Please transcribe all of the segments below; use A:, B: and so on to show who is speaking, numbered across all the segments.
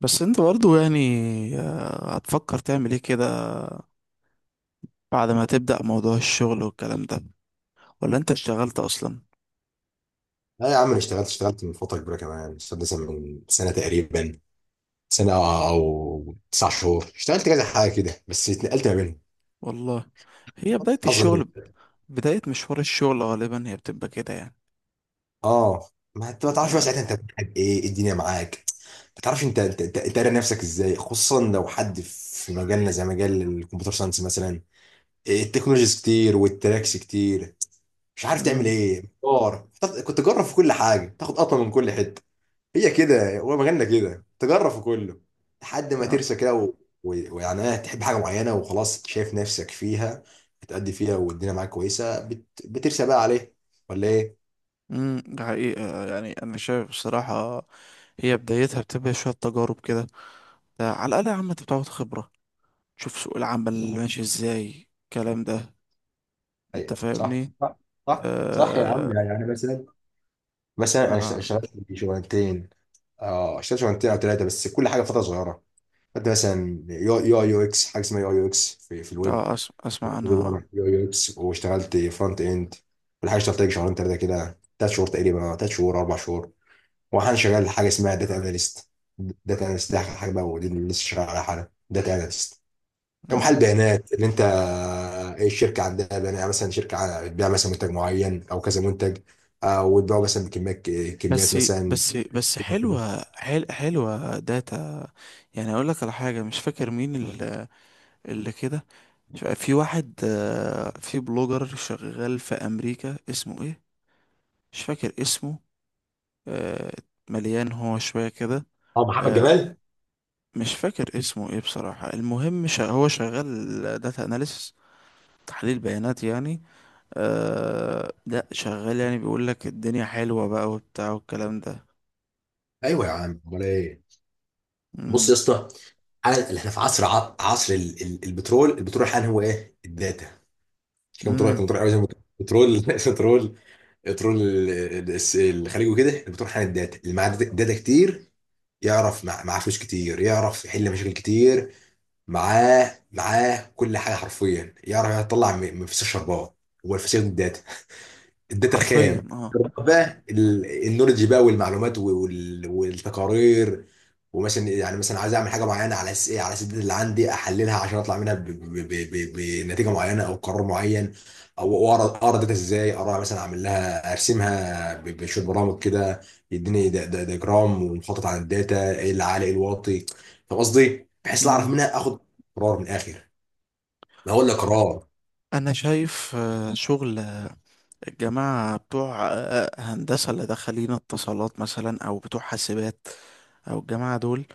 A: بس انت برضو يعني هتفكر تعمل ايه كده بعد ما تبدأ موضوع الشغل والكلام ده، ولا انت اشتغلت اصلا؟
B: لا يا عم، انا اشتغلت من فتره كبيره. كمان اشتغلت مثلا من سنه تقريبا، سنه او 9 شهور. اشتغلت كذا حاجه كده بس اتنقلت ما بينهم،
A: والله، هي بداية
B: اظن.
A: الشغل. بداية مشوار الشغل غالبا هي بتبقى كده يعني.
B: اه، ما انت ما تعرفش بقى
A: يعني-
B: ساعتها انت بتحب إيه الدنيا معاك. ما تعرفش انت انت انت أنت قاري نفسك ازاي، خصوصا لو حد في مجالنا زي مجال الكمبيوتر ساينس مثلا. التكنولوجيز كتير والتراكس كتير. مش عارف تعمل
A: مم.
B: ايه، محتار. كنت تجرب في كل حاجه، تاخد قطمه من كل حته. هي كده، هو مجالنا كده، تجرب في كله لحد ما
A: آه.
B: ترسى كده ويعني ايه، تحب حاجه معينه وخلاص، شايف نفسك فيها، بتأدي فيها والدنيا معاك كويسه، بترسى بقى عليه. ولا ايه؟
A: ده حقيقة يعني، أنا شايف بصراحة هي بدايتها بتبقى شوية تجارب كده. ده على الأقل يا عم أنت بتاخد خبرة، تشوف سوق العمل اللي ماشي إزاي الكلام ده. أنت
B: ايوه، صح
A: فاهمني؟
B: صح. صح صح يا عم.
A: آه.
B: يعني مثلا انا اشتغلت
A: آه,
B: في شغلانتين. اه، اشتغلت شغلانتين او ثلاثه، بس كل حاجه فتره صغيره. خدت مثلا يو اكس، حاجه اسمها يو اكس في الويب.
A: أسمع،
B: يو
A: عنها.
B: يو اكس واشتغلت فرونت اند. والحاجه اشتغلت لك شهرين ثلاثه كده، 3 شهور تقريبا، 3 شهور 4 شهور. وانا شغال حاجه اسمها داتا اناليست. داتا اناليست دي حاجه بقى، دي اللي لسه شغال عليها حالا، داتا اناليست
A: آه.
B: كمحلل بيانات. اللي انت، ايه الشركه عندها بيانات. يعني مثلا شركه بتبيع مثلا منتج معين او كذا منتج، او بتبيعوا مثلا بكميات، كميات
A: بس
B: مثلا.
A: بس بس حلوة حل حلوة داتا يعني. اقول لك على حاجة، مش فاكر مين اللي كده، في واحد، في بلوجر شغال في امريكا اسمه ايه، مش فاكر اسمه. آه، مليان هو شوية كده.
B: اه محمد
A: آه،
B: جمال.
A: مش فاكر اسمه ايه بصراحة. المهم هو شغال داتا اناليسس، تحليل بيانات يعني. لا شغال يعني، بيقول لك الدنيا حلوة بقى وبتاع والكلام ده.
B: ايوه يا عم، امال ايه. بص
A: امم.
B: يا اسطى، حالا اللي احنا في عصر عصر البترول، البترول حالا هو ايه، الداتا. مش كمبيوتر،
A: امم.
B: كمبيوتر قوي زي ما قلت. بترول بترول. ترول الخليج وكده. احنا بتروح حامل الداتا اللي معاه داتا كتير، يعرف معاه فلوس كتير، يعرف يحل مشاكل كتير. معاه كل حاجه حرفيا. يعرف يطلع من فسيخ شربات. هو الفسيخ الداتا، الداتا
A: حرفيا.
B: الخام، بقى النولج بقى والمعلومات والتقارير. ومثلا يعني مثلا عايز اعمل حاجه معينه على اساس ايه، على اساس الداتا اللي عندي احللها عشان اطلع منها بنتيجه معينه او قرار معين. او اقرا الداتا ازاي، اقرا مثلا، اعمل لها، ارسمها بشويه برامج كده يديني دياجرام ومخطط عن الداتا، ايه اللي عالي ايه الواطي. فاهم قصدي؟ بحيث لا اعرف
A: اه.
B: منها اخد قرار من الاخر. ما هو الا قرار.
A: انا شايف شغل الجماعه بتوع هندسه اللي دخلين اتصالات مثلا، او بتوع حاسبات، او الجماعه دول.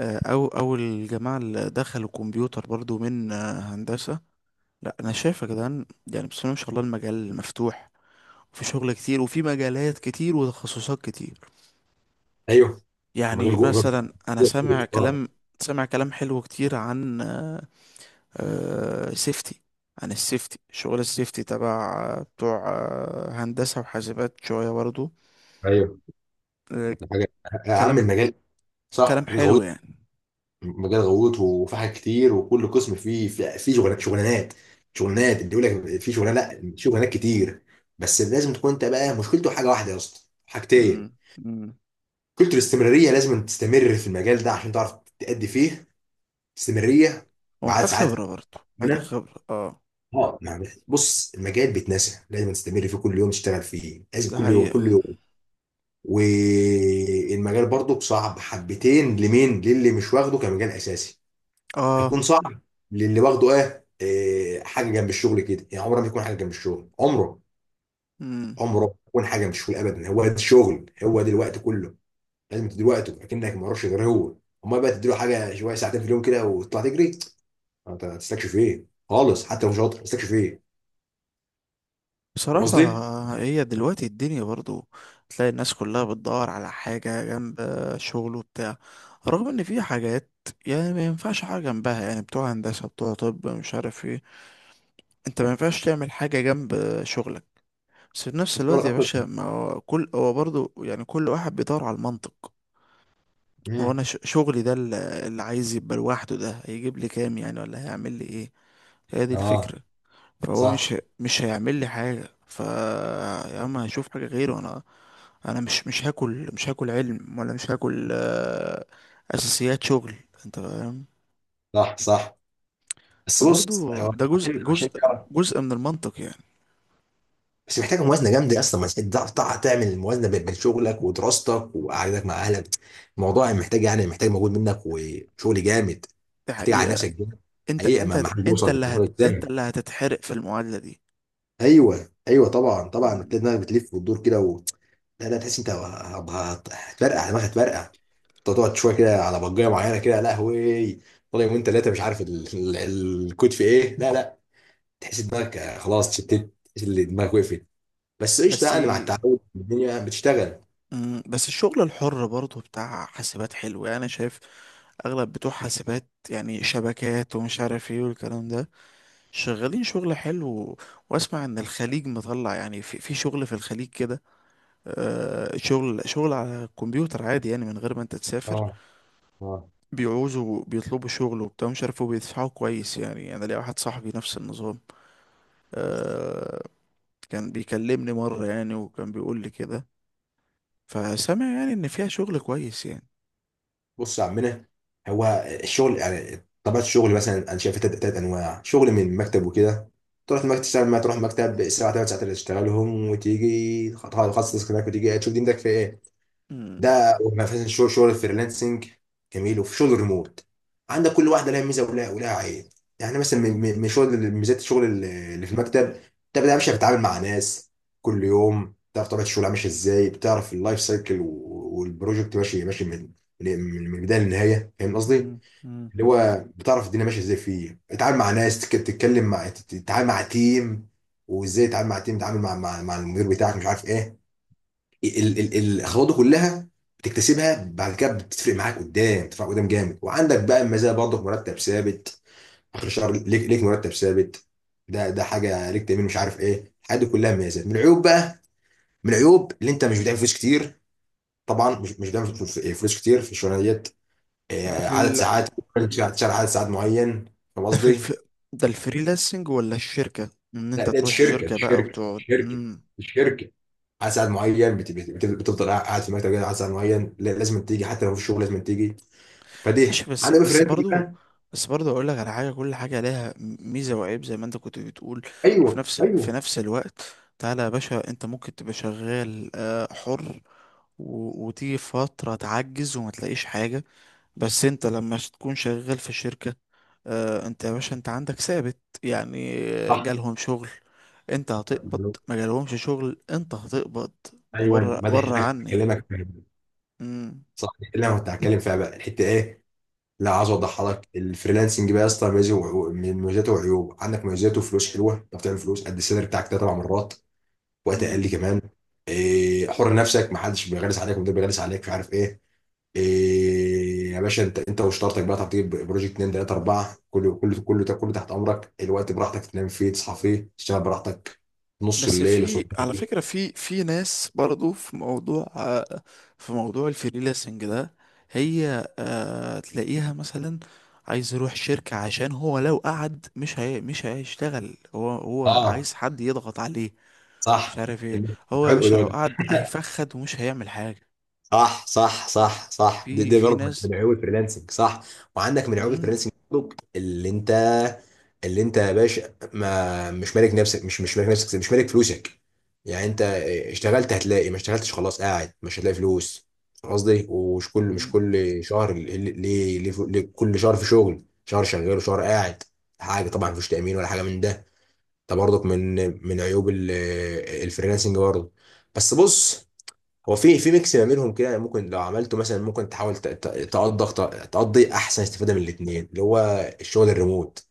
A: او الجماعه اللي دخلوا كمبيوتر برضو من هندسه. لا انا شايف يا جدعان يعني، بسم الله ما شاء الله، المجال مفتوح وفي شغل كتير وفي مجالات كتير وتخصصات كتير.
B: ايوه،
A: يعني
B: المجال جوه المجال.
A: مثلا انا سامع
B: جوه.
A: كلام. سامع كلام حلو كتير عن سيفتي. عن السيفتي، شغل السيفتي تبع بتوع هندسة وحاسبات شوية برضو.
B: ايوه
A: آه.
B: حاجة، يا عم
A: كلام
B: المجال صح
A: كلام حلو
B: غويط.
A: يعني.
B: مجال غويط، وفي حاجات كتير، وكل قسم فيه فيه شغلانات شغلانات شغلانات. اللي يقول لك في شغلانه، لا، شغلانات كتير. بس لازم تكون انت بقى. مشكلته حاجه واحده يا اسطى، حاجتين.
A: مم. مم.
B: مشكلته الاستمراريه، لازم تستمر في المجال ده عشان تعرف تأدي فيه. استمراريه بعد
A: ومحتاج
B: ساعات
A: خبرة برضو، محتاج
B: هنا.
A: خبرة اه.
B: اه نعم. بص، المجال بيتنسى، لازم تستمر فيه كل يوم، تشتغل فيه لازم
A: ده
B: كل يوم
A: حقيقة.
B: كل يوم. والمجال برضو صعب حبتين، لمين؟ للي مش واخده كمجال اساسي
A: اه.
B: هيكون صعب. للي واخده ايه، حاجه جنب الشغل كده يعني، عمره ما يكون حاجه جنب الشغل. عمره،
A: مم.
B: عمره ما يكون حاجه جنب الشغل ابدا. هو ده الشغل، هو ده الوقت كله، لازم تدي وقته اكنك ما وراكش غير هو. امال بقى، تديله حاجه شويه، ساعتين في اليوم كده وتطلع تجري، انت هتستكشف ايه خالص؟ حتى لو مش شاطر هتستكشف ايه؟ فاهم
A: بصراحة
B: قصدي؟
A: هي دلوقتي الدنيا برضو، تلاقي الناس كلها بتدور على حاجة جنب شغله وبتاع، رغم ان في حاجات يعني ما ينفعش حاجة جنبها، يعني بتوع هندسة بتوع طب مش عارف ايه، انت ما ينفعش تعمل حاجة جنب شغلك. بس في نفس الوقت
B: شغلك
A: يا باشا،
B: اصلا.
A: ما هو كل هو برضه يعني، كل واحد بيدور على المنطق. هو
B: مم.
A: انا شغلي ده اللي عايز يبقى لوحده ده هيجيب لي كام يعني، ولا هيعمل لي ايه؟ هي دي
B: اه،
A: الفكرة. فهو
B: صح
A: مش مش هيعمل لي حاجة، ف يا عم هشوف حاجة غيره انا. انا مش هاكل، مش هاكل علم، ولا مش هاكل اساسيات شغل. انت فاهم.
B: صح صح. بس
A: فبرضه
B: بص هو،
A: ده
B: عشان عشان تعرف،
A: جزء من المنطق يعني.
B: بس محتاجه موازنه جامده اصلا. ما انت تعرف تعمل الموازنه بين شغلك ودراستك وقعدتك مع اهلك. الموضوع محتاج يعني، محتاج مجهود منك وشغل جامد.
A: دي
B: هتيجي على
A: حقيقة.
B: نفسك جامد. حقيقه ما حد
A: انت
B: يوصل
A: اللي
B: للمجهود
A: انت
B: ده.
A: اللي هتتحرق في المعادلة
B: ايوه ايوه طبعا طبعا. بتلاقي
A: دي.
B: دماغك بتلف وتدور كده. لا لا، تحس انت هتفرقع دماغك، هتفرقع. انت تقعد شويه كده على بجايه معينه كده، لا هوي، طالع يومين ثلاثه مش عارف الكود في ايه. لا لا، تحس دماغك خلاص شتت، تحس ان دماغك وقفت. بس قشطه
A: بس
B: يعني، مع التعود الدنيا بتشتغل.
A: مم، بس الشغل الحر برضه بتاع حاسبات حلو يعني. انا شايف اغلب بتوع حاسبات يعني، شبكات ومش عارف ايه والكلام ده، شغالين شغل حلو. واسمع ان الخليج مطلع يعني، في شغل في الخليج كده. آه، شغل على الكمبيوتر عادي يعني، من غير ما انت تسافر.
B: اه اه.
A: بيعوزوا، بيطلبوا شغل وبتاع مش عارف وبيدفعوا كويس يعني. انا ليا واحد صاحبي نفس النظام،
B: بص
A: آه، كان بيكلمني مرة يعني وكان بيقول لي كده. فسامع يعني ان فيها شغل كويس يعني.
B: بص يا عمنا، هو الشغل يعني طبيعه الشغل، مثلا انا شايف تلات انواع شغل من المكتب وكده. تروح المكتب تشتغل، ما تروح المكتب، ساعه 3 ساعات اللي تشتغلهم، وتيجي تخلص تاسك هناك وتيجي تشوف دنيتك في ايه.
A: مم.
B: ده مثلا شغل الفريلانسنج، جميل. وفي شغل الريموت. عندك كل واحده لها ميزه ولها عيب. يعني مثلا من ميزات الشغل اللي في المكتب، انت بقى مش بتتعامل مع ناس كل يوم، بتعرف طبيعه الشغل ماشيه ازاي، بتعرف اللايف سايكل والبروجكت ماشي من من البدايه للنهايه. فاهم قصدي؟
A: مم. مم.
B: اللي هو بتعرف الدنيا ماشيه ازاي. فيه بتتعامل مع ناس، تتكلم مع، تتعامل مع تيم، وازاي تتعامل مع تيم، تتعامل مع مع المدير بتاعك، مش عارف ايه. الخطوات دي كلها بتكتسبها بعد كده، بتفرق معاك قدام، بتفرق قدام جامد. وعندك بقى المزايا، برضك مرتب ثابت. اخر الشهر ليك مرتب ثابت. ده حاجه. ليك تامين، مش عارف ايه، الحاجات دي كلها مميزات. من العيوب بقى، من العيوب اللي انت مش بتعمل فلوس كتير. طبعا مش بتعمل فلوس، فلوس كتير في الشغلانه ديت.
A: ده في
B: عدد
A: ال...
B: ساعات، لازم تشتغل عدد ساعات معين. فاهم
A: ده في الف...
B: قصدي؟
A: ده الفريلانسنج ولا الشركة، ان انت
B: لا دي
A: تروح
B: الشركه دي
A: شركة بقى
B: الشركه دي
A: وتقعد؟
B: الشركه دي
A: مم.
B: الشركه عدد ساعات معين، بتفضل قاعد في مكتب كده عدد ساعات معين. لا، لازم تيجي، حتى لو في شغل لازم تيجي. فدي،
A: ماشي. بس
B: انا
A: بس
B: فرنسي
A: برضو،
B: بقى.
A: برضو اقول لك على حاجة، كل حاجة لها ميزة وعيب زي ما انت كنت بتقول. وفي
B: ايوه ايوه،
A: نفس الوقت تعالى يا باشا، انت ممكن تبقى شغال حر، وتيجي فترة تعجز وما تلاقيش حاجة. بس انت لما تكون شغال في شركة، اه انت يا باشا، انت عندك ثابت يعني.
B: صح.
A: جالهم شغل، انت هتقبض. ما جالهمش شغل، انت هتقبض.
B: ايوه
A: بره
B: مدح
A: بره
B: لك
A: عني.
B: اكلمك، فاهم.
A: مم.
B: صح، دي اللي انا كنت هتكلم فيها بقى، الحته ايه، لا، عايز اوضحها لك. الفريلانسنج بقى يا اسطى ميزه من مميزاته وعيوب. عندك مميزاته، فلوس حلوه، انت بتعمل فلوس قد السالري بتاعك ده 4 مرات، وقت
A: مم.
B: اقل كمان. إيه، حر نفسك، ما حدش بيغلس عليك، ومدير بيغلس عليك مش عارف ايه. إيه يا باشا، انت وشطارتك بقى، تطيب بروجكت 2 3 4، كله كله كله ده كله تحت امرك. الوقت براحتك، تنام فيه، تصحى فيه، تشتغل براحتك نص
A: بس
B: الليل
A: في
B: وصبح
A: على
B: الليل.
A: فكرة، في في ناس برضو في موضوع في موضوع الفريلانسنج ده، هي تلاقيها مثلا عايز يروح شركة عشان هو لو قعد مش، هي مش هيشتغل، هو هو
B: اه
A: عايز حد يضغط عليه مش
B: صح.
A: عارف ايه. هو يا
B: الحلو
A: باشا لو
B: ده.
A: قعد هيفخد ومش هيعمل حاجة.
B: صح صح صح صح. دي,
A: في
B: دي
A: في
B: برضه
A: ناس.
B: من عيوب الفريلانسنج. صح. وعندك من عيوب
A: امم.
B: الفريلانسنج برضه، اللي انت يا باشا، ما مش مالك نفسك، مش مالك نفسك، مش مالك فلوسك. يعني انت اشتغلت هتلاقي، ما اشتغلتش خلاص قاعد مش هتلاقي فلوس. فاهم قصدي؟ ومش كل، مش
A: امم.
B: كل شهر ليه، ليه كل شهر في شغل، شهر شغال وشهر قاعد. حاجه طبعا، مفيش تامين ولا حاجه من ده. ده برضك من من عيوب الفريلانسنج برضه. بس بص، هو في ميكس ما بينهم كده، يعني ممكن لو عملته مثلا، ممكن تحاول تقضي احسن استفاده من الاثنين، اللي هو الشغل الريموت،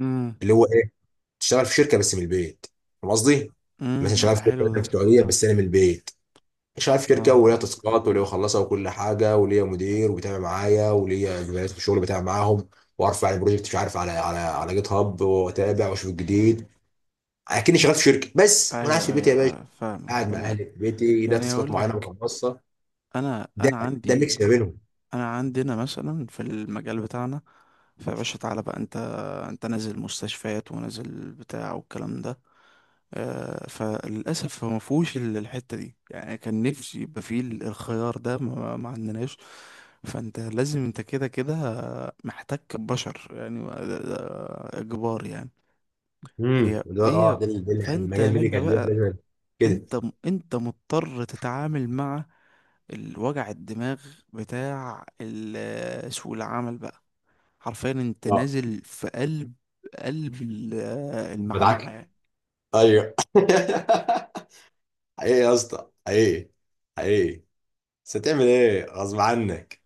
A: امم.
B: اللي هو ايه، تشتغل في شركه بس من البيت. فاهم قصدي؟ مثلا
A: امم،
B: شغال
A: ده
B: في شركه
A: حلو ده.
B: مثلاً في السعوديه بس انا من البيت. شغال في شركه
A: اه.
B: وليا تاسكات وليا اخلصها وكل حاجه، وليا مدير وبيتابع معايا، وليا زملائي في الشغل بتابع معاهم. وارفع البروجكت مش عارف على على جيت هاب، واتابع واشوف الجديد. اكني شغال في شركه بس وانا قاعد في
A: ايوه
B: بيتي
A: ايوه،
B: يا باشا،
A: فاهمك
B: قاعد مع
A: انا.
B: اهلي في بيتي ليا
A: يعني
B: تاسكات
A: اقول
B: معينه
A: لك،
B: بخلصها.
A: انا
B: ده
A: انا
B: ده
A: عندي
B: ميكس ما بينهم.
A: انا عندنا مثلا في المجال بتاعنا، فيا باشا تعالى بقى انت، انت نازل مستشفيات ونازل بتاع والكلام ده، فللأسف هو مفهوش الحتة دي يعني، كان نفسي يبقى فيه الخيار ده، ما عندناش. فأنت لازم، أنت كده كده محتك ببشر يعني، ده إجبار يعني. هي
B: اللي هو،
A: هي. فأنت يا
B: المجال
A: باشا
B: الميديكال ده
A: بقى،
B: لازم كده.
A: أنت أنت مضطر تتعامل مع الوجع الدماغ بتاع سوق العمل بقى. حرفيا أنت
B: اه،
A: نازل في قلب قلب ال- المعمعة
B: مدعكه.
A: يعني.
B: ايوه حقيقي يا اسطى، حقيقي حقيقي. بس هتعمل ايه، غصب عنك.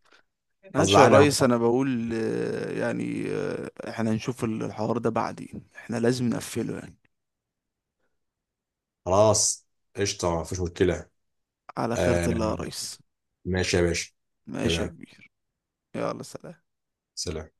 B: غصب
A: ماشي يا
B: عنك
A: ريس.
B: بقى.
A: انا بقول يعني احنا هنشوف الحوار ده بعدين، احنا لازم نقفله يعني.
B: خلاص، قشطه، ما فيش مشكله.
A: على خيرة
B: آه،
A: الله يا ريس.
B: ماشي يا باشا.
A: ماشي يا
B: تمام.
A: كبير. يلا سلام.
B: سلام.